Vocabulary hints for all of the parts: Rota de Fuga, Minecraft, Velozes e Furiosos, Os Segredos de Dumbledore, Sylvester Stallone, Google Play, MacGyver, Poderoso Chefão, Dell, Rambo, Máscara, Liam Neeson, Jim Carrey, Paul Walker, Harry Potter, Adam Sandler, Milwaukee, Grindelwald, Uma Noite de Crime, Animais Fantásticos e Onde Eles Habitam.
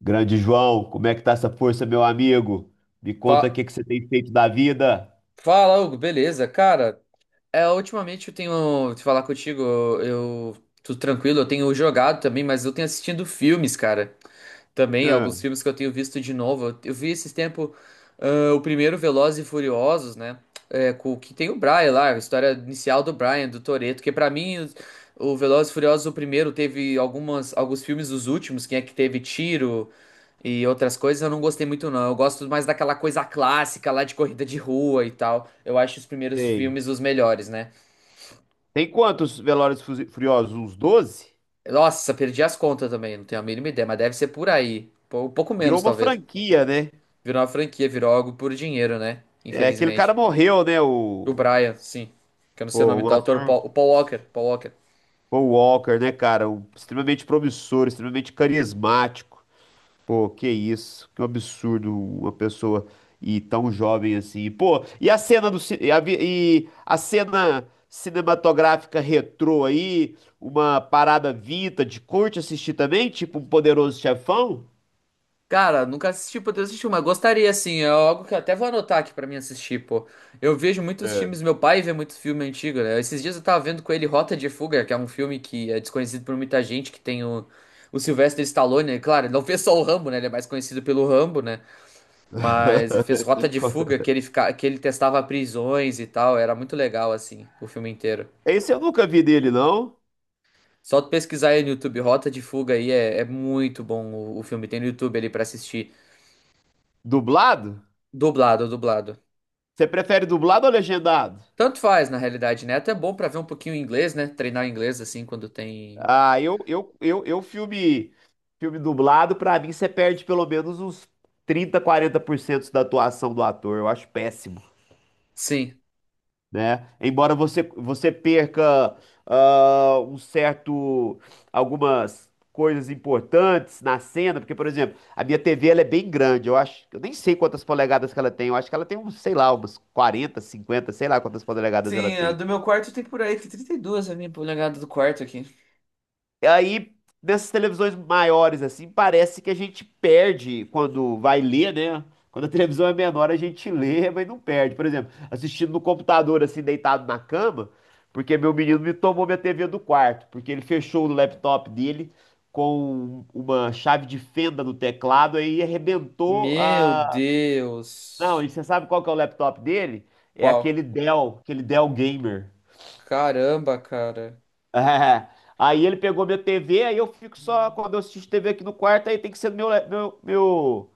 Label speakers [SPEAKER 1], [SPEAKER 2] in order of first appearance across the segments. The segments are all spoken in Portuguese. [SPEAKER 1] Grande João, como é que tá essa força, meu amigo? Me conta o
[SPEAKER 2] Fa-
[SPEAKER 1] que que você tem feito da vida.
[SPEAKER 2] Fala, Hugo, beleza? Cara, é, ultimamente eu tenho te falar contigo, eu tô tranquilo, eu tenho jogado também, mas eu tenho assistido filmes, cara. Também, alguns
[SPEAKER 1] Ah,
[SPEAKER 2] filmes que eu tenho visto de novo. Eu vi esses tempo o primeiro Velozes e Furiosos, né? É, com, que tem o Brian lá, a história inicial do Brian, do Toretto, que pra mim o Velozes e Furiosos, o primeiro, teve alguns filmes, os últimos, quem é que teve tiro. E outras coisas eu não gostei muito, não. Eu gosto mais daquela coisa clássica lá de corrida de rua e tal. Eu acho os primeiros
[SPEAKER 1] sei.
[SPEAKER 2] filmes os melhores, né?
[SPEAKER 1] Tem quantos Velozes e Furiosos? Uns doze?
[SPEAKER 2] Nossa, perdi as contas também, não tenho a mínima ideia, mas deve ser por aí. Um pouco
[SPEAKER 1] Virou
[SPEAKER 2] menos,
[SPEAKER 1] uma
[SPEAKER 2] talvez.
[SPEAKER 1] franquia, né?
[SPEAKER 2] Virou uma franquia, virou algo por dinheiro, né?
[SPEAKER 1] É, aquele cara
[SPEAKER 2] Infelizmente.
[SPEAKER 1] morreu, né?
[SPEAKER 2] O Brian, sim. Que eu não sei o nome do
[SPEAKER 1] Um
[SPEAKER 2] autor,
[SPEAKER 1] ator,
[SPEAKER 2] O Paul Walker. Paul Walker.
[SPEAKER 1] Paul Walker, né, cara? Um extremamente promissor, extremamente carismático. Pô, que isso, que um absurdo uma pessoa e tão jovem assim. Pô, e a cena do ci- e a, vi- e a cena cinematográfica retrô aí, uma parada vintage, curte assistir também, tipo um Poderoso Chefão?
[SPEAKER 2] Cara, nunca assisti, poder assistir, mas gostaria, assim. É algo que eu até vou anotar aqui pra mim assistir, pô. Eu vejo muitos
[SPEAKER 1] É.
[SPEAKER 2] filmes, meu pai vê muito filme antigo, né? Esses dias eu tava vendo com ele Rota de Fuga, que é um filme que é desconhecido por muita gente, que tem o Sylvester Stallone, né? Claro, ele não fez só o Rambo, né? Ele é mais conhecido pelo Rambo, né? Mas ele fez Rota de Fuga, que ele, fica, que ele testava prisões e tal. Era muito legal, assim, o filme inteiro.
[SPEAKER 1] Esse eu nunca vi dele, não.
[SPEAKER 2] Só tu pesquisar aí no YouTube, Rota de Fuga aí, é, é muito bom o filme. Tem no YouTube ali pra assistir.
[SPEAKER 1] Dublado?
[SPEAKER 2] Dublado, dublado.
[SPEAKER 1] Você prefere dublado ou legendado?
[SPEAKER 2] Tanto faz, na realidade, né? Até bom pra ver um pouquinho inglês, né? Treinar inglês assim quando tem.
[SPEAKER 1] Ah, eu, eu, eu, eu filme, Filme dublado, pra mim você perde pelo menos uns trinta, quarenta por cento da atuação do ator. Eu acho péssimo,
[SPEAKER 2] Sim.
[SPEAKER 1] né? Embora você perca ah, um certo, algumas coisas importantes na cena, porque, por exemplo, a minha TV ela é bem grande. Eu acho, eu nem sei quantas polegadas que ela tem. Eu acho que ela tem uns, sei lá, umas 40, 50, sei lá quantas polegadas ela
[SPEAKER 2] Sim, a
[SPEAKER 1] tem.
[SPEAKER 2] do meu quarto tem por aí, tem 32 a minha polegada do quarto aqui.
[SPEAKER 1] Aí, nessas televisões maiores, assim, parece que a gente perde quando vai ler, né? Quando a televisão é menor, a gente lê, mas não perde. Por exemplo, assistindo no computador, assim, deitado na cama, porque meu menino me tomou minha TV do quarto, porque ele fechou o laptop dele com uma chave de fenda no teclado aí arrebentou
[SPEAKER 2] Meu
[SPEAKER 1] a. Não, e
[SPEAKER 2] Deus.
[SPEAKER 1] você sabe qual que é o laptop dele? É
[SPEAKER 2] Qual?
[SPEAKER 1] aquele Dell Gamer.
[SPEAKER 2] Caramba, cara.
[SPEAKER 1] É. Aí ele pegou minha TV, aí eu fico só, quando eu assisto TV aqui no quarto, aí tem que ser no meu, le- meu,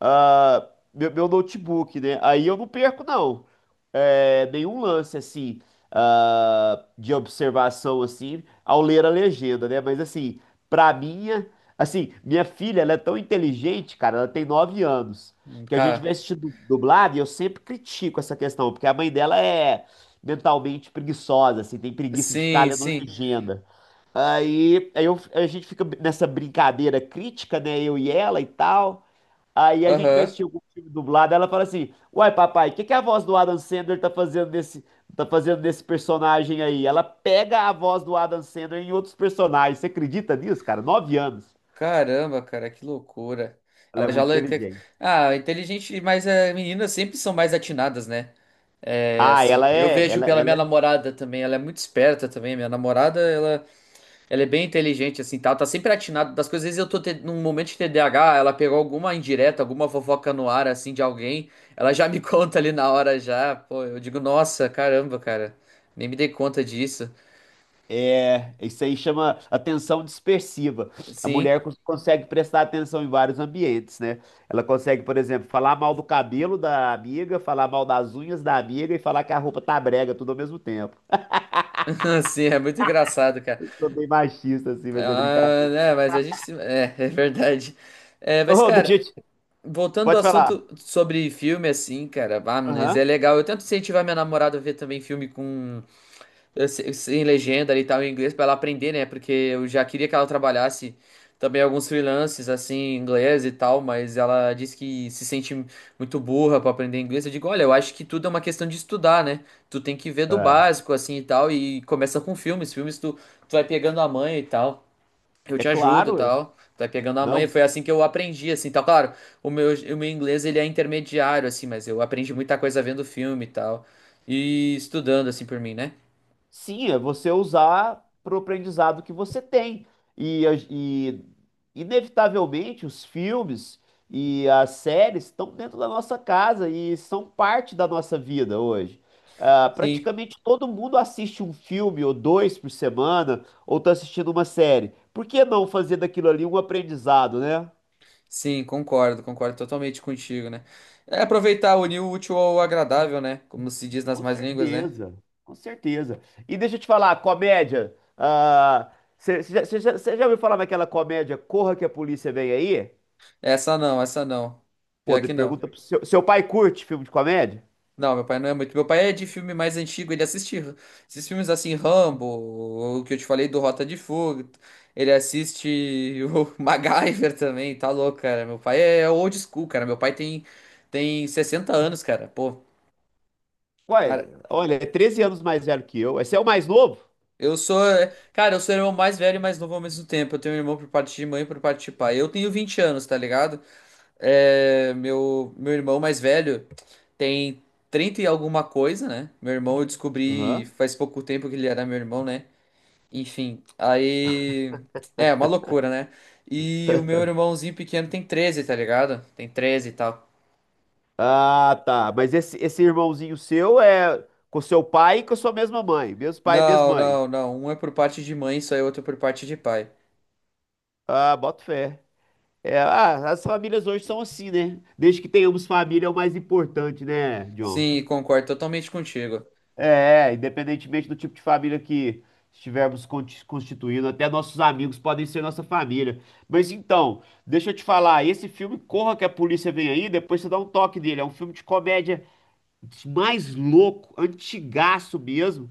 [SPEAKER 1] ah, meu notebook, né? Aí eu não perco, não. É, nenhum lance, assim, de observação, assim, ao ler a legenda, né? Pra minha... Assim, minha filha, ela é tão inteligente, cara, ela tem 9 anos, que a gente
[SPEAKER 2] Cara,
[SPEAKER 1] vai assistir dublado e eu sempre critico essa questão, porque a mãe dela é mentalmente preguiçosa, assim, tem preguiça de ficar
[SPEAKER 2] sim,
[SPEAKER 1] lendo
[SPEAKER 2] sim.
[SPEAKER 1] legenda. A gente fica nessa brincadeira crítica, né? Eu e ela e tal. Aí a gente vai
[SPEAKER 2] Aham.
[SPEAKER 1] assistir algum filme dublado, ela fala assim: Uai, papai, o que que a voz do Adam Sandler tá fazendo nesse personagem aí? Ela pega a voz do Adam Sandler em outros personagens. Você acredita nisso, cara? 9 anos.
[SPEAKER 2] Caramba, cara, que loucura.
[SPEAKER 1] Ela é
[SPEAKER 2] Ela já.
[SPEAKER 1] muito inteligente.
[SPEAKER 2] Ah, inteligente, mas é, meninas sempre são mais atinadas, né? É,
[SPEAKER 1] Ah,
[SPEAKER 2] assim,
[SPEAKER 1] ela
[SPEAKER 2] eu
[SPEAKER 1] é,
[SPEAKER 2] vejo
[SPEAKER 1] ela,
[SPEAKER 2] pela
[SPEAKER 1] ela
[SPEAKER 2] minha namorada também, ela é muito esperta também. Minha namorada, ela. Ela é bem inteligente, assim, tá? Ela tá sempre atinado das coisas. Às vezes eu tô num momento de TDAH, ela pegou alguma indireta, alguma fofoca no ar, assim, de alguém. Ela já me conta ali na hora, já. Pô, eu digo, nossa, caramba, cara. Nem me dei conta disso.
[SPEAKER 1] é, é, Isso aí chama atenção dispersiva. A
[SPEAKER 2] Sim,
[SPEAKER 1] mulher consegue prestar atenção em vários ambientes, né? Ela consegue, por exemplo, falar mal do cabelo da amiga, falar mal das unhas da amiga e falar que a roupa tá brega, tudo ao mesmo tempo.
[SPEAKER 2] sim, é muito engraçado, cara.
[SPEAKER 1] Sou bem machista, assim, mas é
[SPEAKER 2] Ah,
[SPEAKER 1] brincadeira.
[SPEAKER 2] né, mas a gente. É, é verdade. É, mas,
[SPEAKER 1] Ô, deixa
[SPEAKER 2] cara,
[SPEAKER 1] eu te...
[SPEAKER 2] voltando ao
[SPEAKER 1] Pode falar.
[SPEAKER 2] assunto sobre filme, assim, cara, ah, mas é
[SPEAKER 1] Aham.
[SPEAKER 2] legal. Eu tento incentivar minha namorada a ver também filme com. Sem legenda e tal em inglês pra ela aprender, né? Porque eu já queria que ela trabalhasse também alguns freelances assim em inglês e tal, mas ela disse que se sente muito burra pra aprender inglês. Eu digo, olha, eu acho que tudo é uma questão de estudar, né? Tu tem que ver do
[SPEAKER 1] É.
[SPEAKER 2] básico assim e tal e começa com filmes, filmes tu, tu vai pegando a manha e tal. Eu
[SPEAKER 1] É
[SPEAKER 2] te ajudo e
[SPEAKER 1] claro.
[SPEAKER 2] tal. Tu vai pegando a manha,
[SPEAKER 1] Não.
[SPEAKER 2] foi assim que eu aprendi assim, tal. Claro, o meu inglês ele é intermediário assim, mas eu aprendi muita coisa vendo filme e tal. E estudando assim por mim, né?
[SPEAKER 1] Sim, é você usar pro aprendizado que você tem. E inevitavelmente, os filmes e as séries estão dentro da nossa casa e são parte da nossa vida hoje. Ah,
[SPEAKER 2] Sim.
[SPEAKER 1] praticamente todo mundo assiste um filme ou dois por semana, ou está assistindo uma série. Por que não fazer daquilo ali um aprendizado, né?
[SPEAKER 2] Sim, concordo, concordo totalmente contigo, né? É aproveitar, unir o útil ao agradável, né? Como se diz nas
[SPEAKER 1] Com
[SPEAKER 2] mais línguas, né?
[SPEAKER 1] certeza, com certeza. E deixa eu te falar, comédia. Você já ouviu falar naquela comédia Corra que a Polícia Vem Aí?
[SPEAKER 2] Essa não, essa não.
[SPEAKER 1] Pô,
[SPEAKER 2] Pior
[SPEAKER 1] de-
[SPEAKER 2] que não.
[SPEAKER 1] pergunta pro seu, seu pai curte filme de comédia?
[SPEAKER 2] Não, meu pai não é muito. Meu pai é de filme mais antigo, ele assiste esses filmes assim, Rambo, o que eu te falei do Rota de Fuga. Ele assiste o MacGyver também, tá louco, cara. Meu pai é old school, cara. Meu pai tem 60 anos, cara. Pô,
[SPEAKER 1] Ué, olha, é 13 anos mais velho que eu. Esse é o mais novo?
[SPEAKER 2] eu sou, é, cara, eu sou o irmão mais velho e mais novo ao mesmo tempo. Eu tenho um irmão por parte de mãe e por parte de pai. Eu tenho 20 anos, tá ligado? É, meu irmão mais velho tem 30 e alguma coisa, né? Meu irmão eu descobri
[SPEAKER 1] Aham.
[SPEAKER 2] faz pouco tempo que ele era meu irmão, né? Enfim, aí é uma loucura, né? E o meu irmãozinho pequeno tem 13, tá ligado? Tem 13 e tal.
[SPEAKER 1] Ah, tá. Mas esse irmãozinho seu é com seu pai e com a sua mesma mãe. Mesmo pai,
[SPEAKER 2] Não,
[SPEAKER 1] mesma mãe.
[SPEAKER 2] não, não. Um é por parte de mãe, só e outro por parte de pai.
[SPEAKER 1] Ah, boto fé. É, ah, as famílias hoje são assim, né? Desde que tenhamos família é o mais importante, né, John?
[SPEAKER 2] Sim, concordo totalmente contigo.
[SPEAKER 1] É, independentemente do tipo de família que estivermos constituindo, até nossos amigos podem ser nossa família. Mas então, deixa eu te falar, esse filme Corra que a Polícia Vem Aí, depois você dá um toque dele. É um filme de comédia mais louco, antigaço mesmo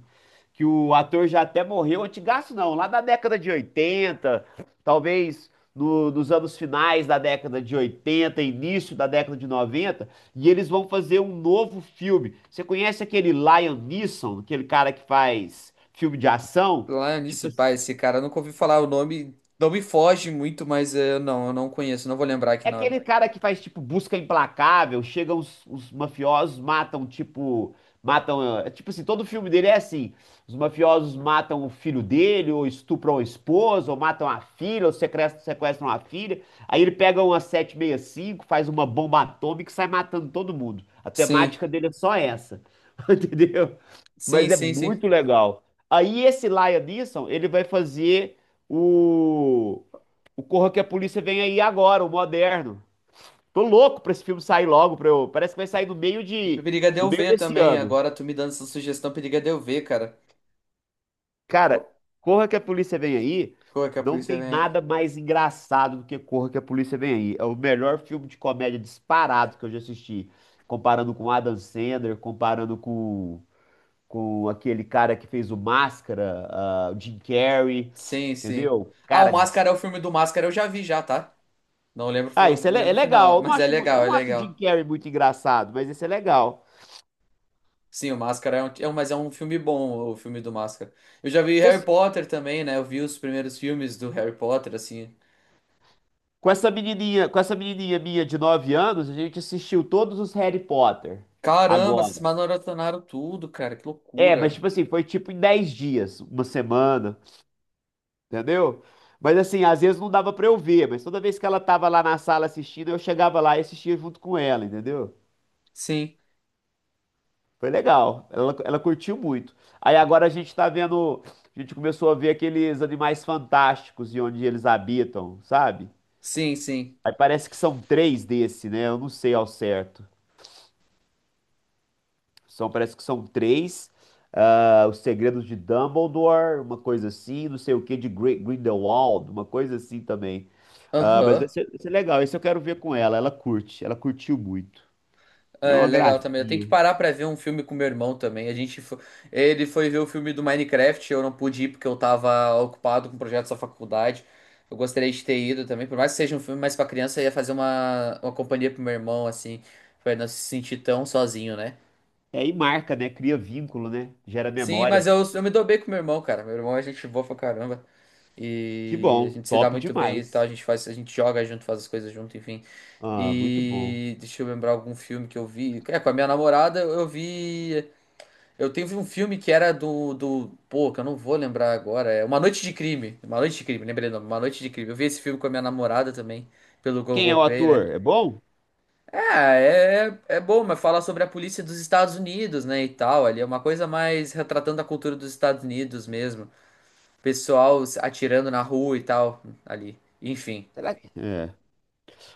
[SPEAKER 1] que o ator já até morreu, antigaço não, lá da década de 80 talvez nos anos finais da década de 80 início da década de 90 e eles vão fazer um novo filme. Você conhece aquele Liam Neeson, aquele cara que faz filme de ação?
[SPEAKER 2] Lá
[SPEAKER 1] Tipo
[SPEAKER 2] nisso,
[SPEAKER 1] assim.
[SPEAKER 2] pai, esse cara eu nunca ouvi falar o nome. Não me foge muito, mas não, eu não conheço, não vou lembrar aqui
[SPEAKER 1] É
[SPEAKER 2] na hora.
[SPEAKER 1] aquele cara que faz, tipo, busca implacável, chegam os mafiosos, matam, tipo, matam, é, tipo assim, todo filme dele é assim, os mafiosos matam o filho dele, ou estupram a esposa, ou matam a filha, ou sequestram a filha, aí ele pega uma sete meia cinco, faz uma bomba atômica e sai matando todo mundo. A
[SPEAKER 2] Sim,
[SPEAKER 1] temática dele é só essa, entendeu?
[SPEAKER 2] sim,
[SPEAKER 1] Mas é
[SPEAKER 2] sim, sim.
[SPEAKER 1] muito legal. Aí esse Liam Neeson, ele vai fazer o, o Corra que a Polícia Vem Aí Agora, o moderno. Tô louco pra esse filme sair logo, pra eu... Parece que vai sair no meio de...
[SPEAKER 2] Periga de
[SPEAKER 1] no
[SPEAKER 2] eu
[SPEAKER 1] meio
[SPEAKER 2] ver
[SPEAKER 1] desse
[SPEAKER 2] também.
[SPEAKER 1] ano.
[SPEAKER 2] Agora tu me dando essa sugestão, periga de eu ver, cara. Ô,
[SPEAKER 1] Cara, Corra que a Polícia Vem Aí
[SPEAKER 2] como é que a
[SPEAKER 1] não
[SPEAKER 2] polícia
[SPEAKER 1] tem
[SPEAKER 2] vem?
[SPEAKER 1] nada mais engraçado do que Corra que a Polícia Vem Aí. É o melhor filme de comédia disparado que eu já assisti. Comparando com Adam Sandler, comparando com aquele cara que fez o Máscara, ah, o Jim Carrey,
[SPEAKER 2] Sim, sim.
[SPEAKER 1] entendeu?
[SPEAKER 2] Ah,
[SPEAKER 1] Cara,
[SPEAKER 2] o Máscara é o filme do Máscara, eu já vi já, tá? Não lembro,
[SPEAKER 1] esse é, é
[SPEAKER 2] lembro o
[SPEAKER 1] legal.
[SPEAKER 2] final,
[SPEAKER 1] Eu não
[SPEAKER 2] mas é
[SPEAKER 1] acho, eu
[SPEAKER 2] legal, é
[SPEAKER 1] não acho o Jim
[SPEAKER 2] legal.
[SPEAKER 1] Carrey muito engraçado, mas esse é legal.
[SPEAKER 2] Sim, o Máscara mas é um filme bom, o filme do Máscara. Eu já vi Harry
[SPEAKER 1] Você
[SPEAKER 2] Potter também, né? Eu vi os primeiros filmes do Harry Potter, assim.
[SPEAKER 1] Com essa menininha minha de 9 anos, a gente assistiu todos os Harry Potter
[SPEAKER 2] Caramba, vocês
[SPEAKER 1] agora.
[SPEAKER 2] maratonaram tudo, cara. Que
[SPEAKER 1] É, mas
[SPEAKER 2] loucura.
[SPEAKER 1] tipo assim, foi tipo em 10 dias, uma semana, entendeu? Mas assim, às vezes não dava pra eu ver, mas toda vez que ela tava lá na sala assistindo, eu chegava lá e assistia junto com ela, entendeu?
[SPEAKER 2] Sim,
[SPEAKER 1] Foi legal, ela curtiu muito. Aí agora a gente tá vendo, a gente começou a ver aqueles animais fantásticos e onde eles habitam, sabe?
[SPEAKER 2] sim, sim.
[SPEAKER 1] Aí parece que são três desse, né? Eu não sei ao certo. São, parece que são três. Os Segredos de Dumbledore, uma coisa assim, não sei o que, de Grindelwald, uma coisa assim também. Ah, mas vai
[SPEAKER 2] Aham.
[SPEAKER 1] ser, vai ser legal, esse eu quero ver com ela. Ela curte, ela curtiu muito. Ela é
[SPEAKER 2] É
[SPEAKER 1] uma
[SPEAKER 2] legal também. Eu tenho que
[SPEAKER 1] gracinha.
[SPEAKER 2] parar pra ver um filme com meu irmão também. A gente foi... Ele foi ver o filme do Minecraft. Eu não pude ir porque eu tava ocupado com projetos da faculdade. Eu gostaria de ter ido também. Por mais que seja um filme mais pra criança, eu ia fazer uma companhia pro meu irmão, assim, pra ele não se sentir tão sozinho, né?
[SPEAKER 1] É, e marca, né? Cria vínculo, né? Gera
[SPEAKER 2] Sim, mas
[SPEAKER 1] memórias.
[SPEAKER 2] eu me dou bem com meu irmão, cara. Meu irmão é gente boa pra caramba.
[SPEAKER 1] Que
[SPEAKER 2] E a
[SPEAKER 1] bom,
[SPEAKER 2] gente se dá
[SPEAKER 1] top
[SPEAKER 2] muito bem e tal. A
[SPEAKER 1] demais.
[SPEAKER 2] gente faz, a gente joga junto, faz as coisas junto, enfim.
[SPEAKER 1] Ah, muito bom.
[SPEAKER 2] E deixa eu lembrar algum filme que eu vi. É, com a minha namorada eu vi. Eu teve um filme que era do. Pô, que eu não vou lembrar agora. É Uma Noite de Crime. Uma Noite de Crime, lembrei o nome. Uma Noite de Crime. Eu vi esse filme com a minha namorada também, pelo
[SPEAKER 1] Quem é
[SPEAKER 2] Google
[SPEAKER 1] o
[SPEAKER 2] Play, né?
[SPEAKER 1] ator? É bom?
[SPEAKER 2] Ah, é, é bom, mas falar sobre a polícia dos Estados Unidos, né, e tal, ali é uma coisa mais retratando a cultura dos Estados Unidos mesmo, pessoal se atirando na rua e tal, ali, enfim.
[SPEAKER 1] Será que... É.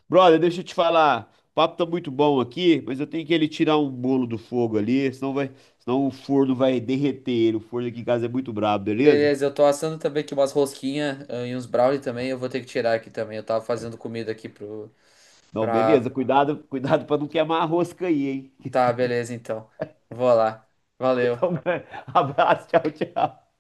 [SPEAKER 1] Brother, deixa eu te falar. O papo tá muito bom aqui, mas eu tenho que ele tirar um bolo do fogo ali, senão vai, senão o forno vai derreter ele. O forno aqui em casa é muito brabo, beleza?
[SPEAKER 2] Beleza, eu tô assando também aqui umas rosquinhas e uns brownie também, eu vou ter que tirar aqui também, eu tava fazendo comida aqui pro,
[SPEAKER 1] Não,
[SPEAKER 2] pra...
[SPEAKER 1] beleza. Cuidado, cuidado para não queimar a rosca aí, hein?
[SPEAKER 2] Tá, beleza, então, vou lá, valeu.
[SPEAKER 1] Então, abraço, tchau, tchau.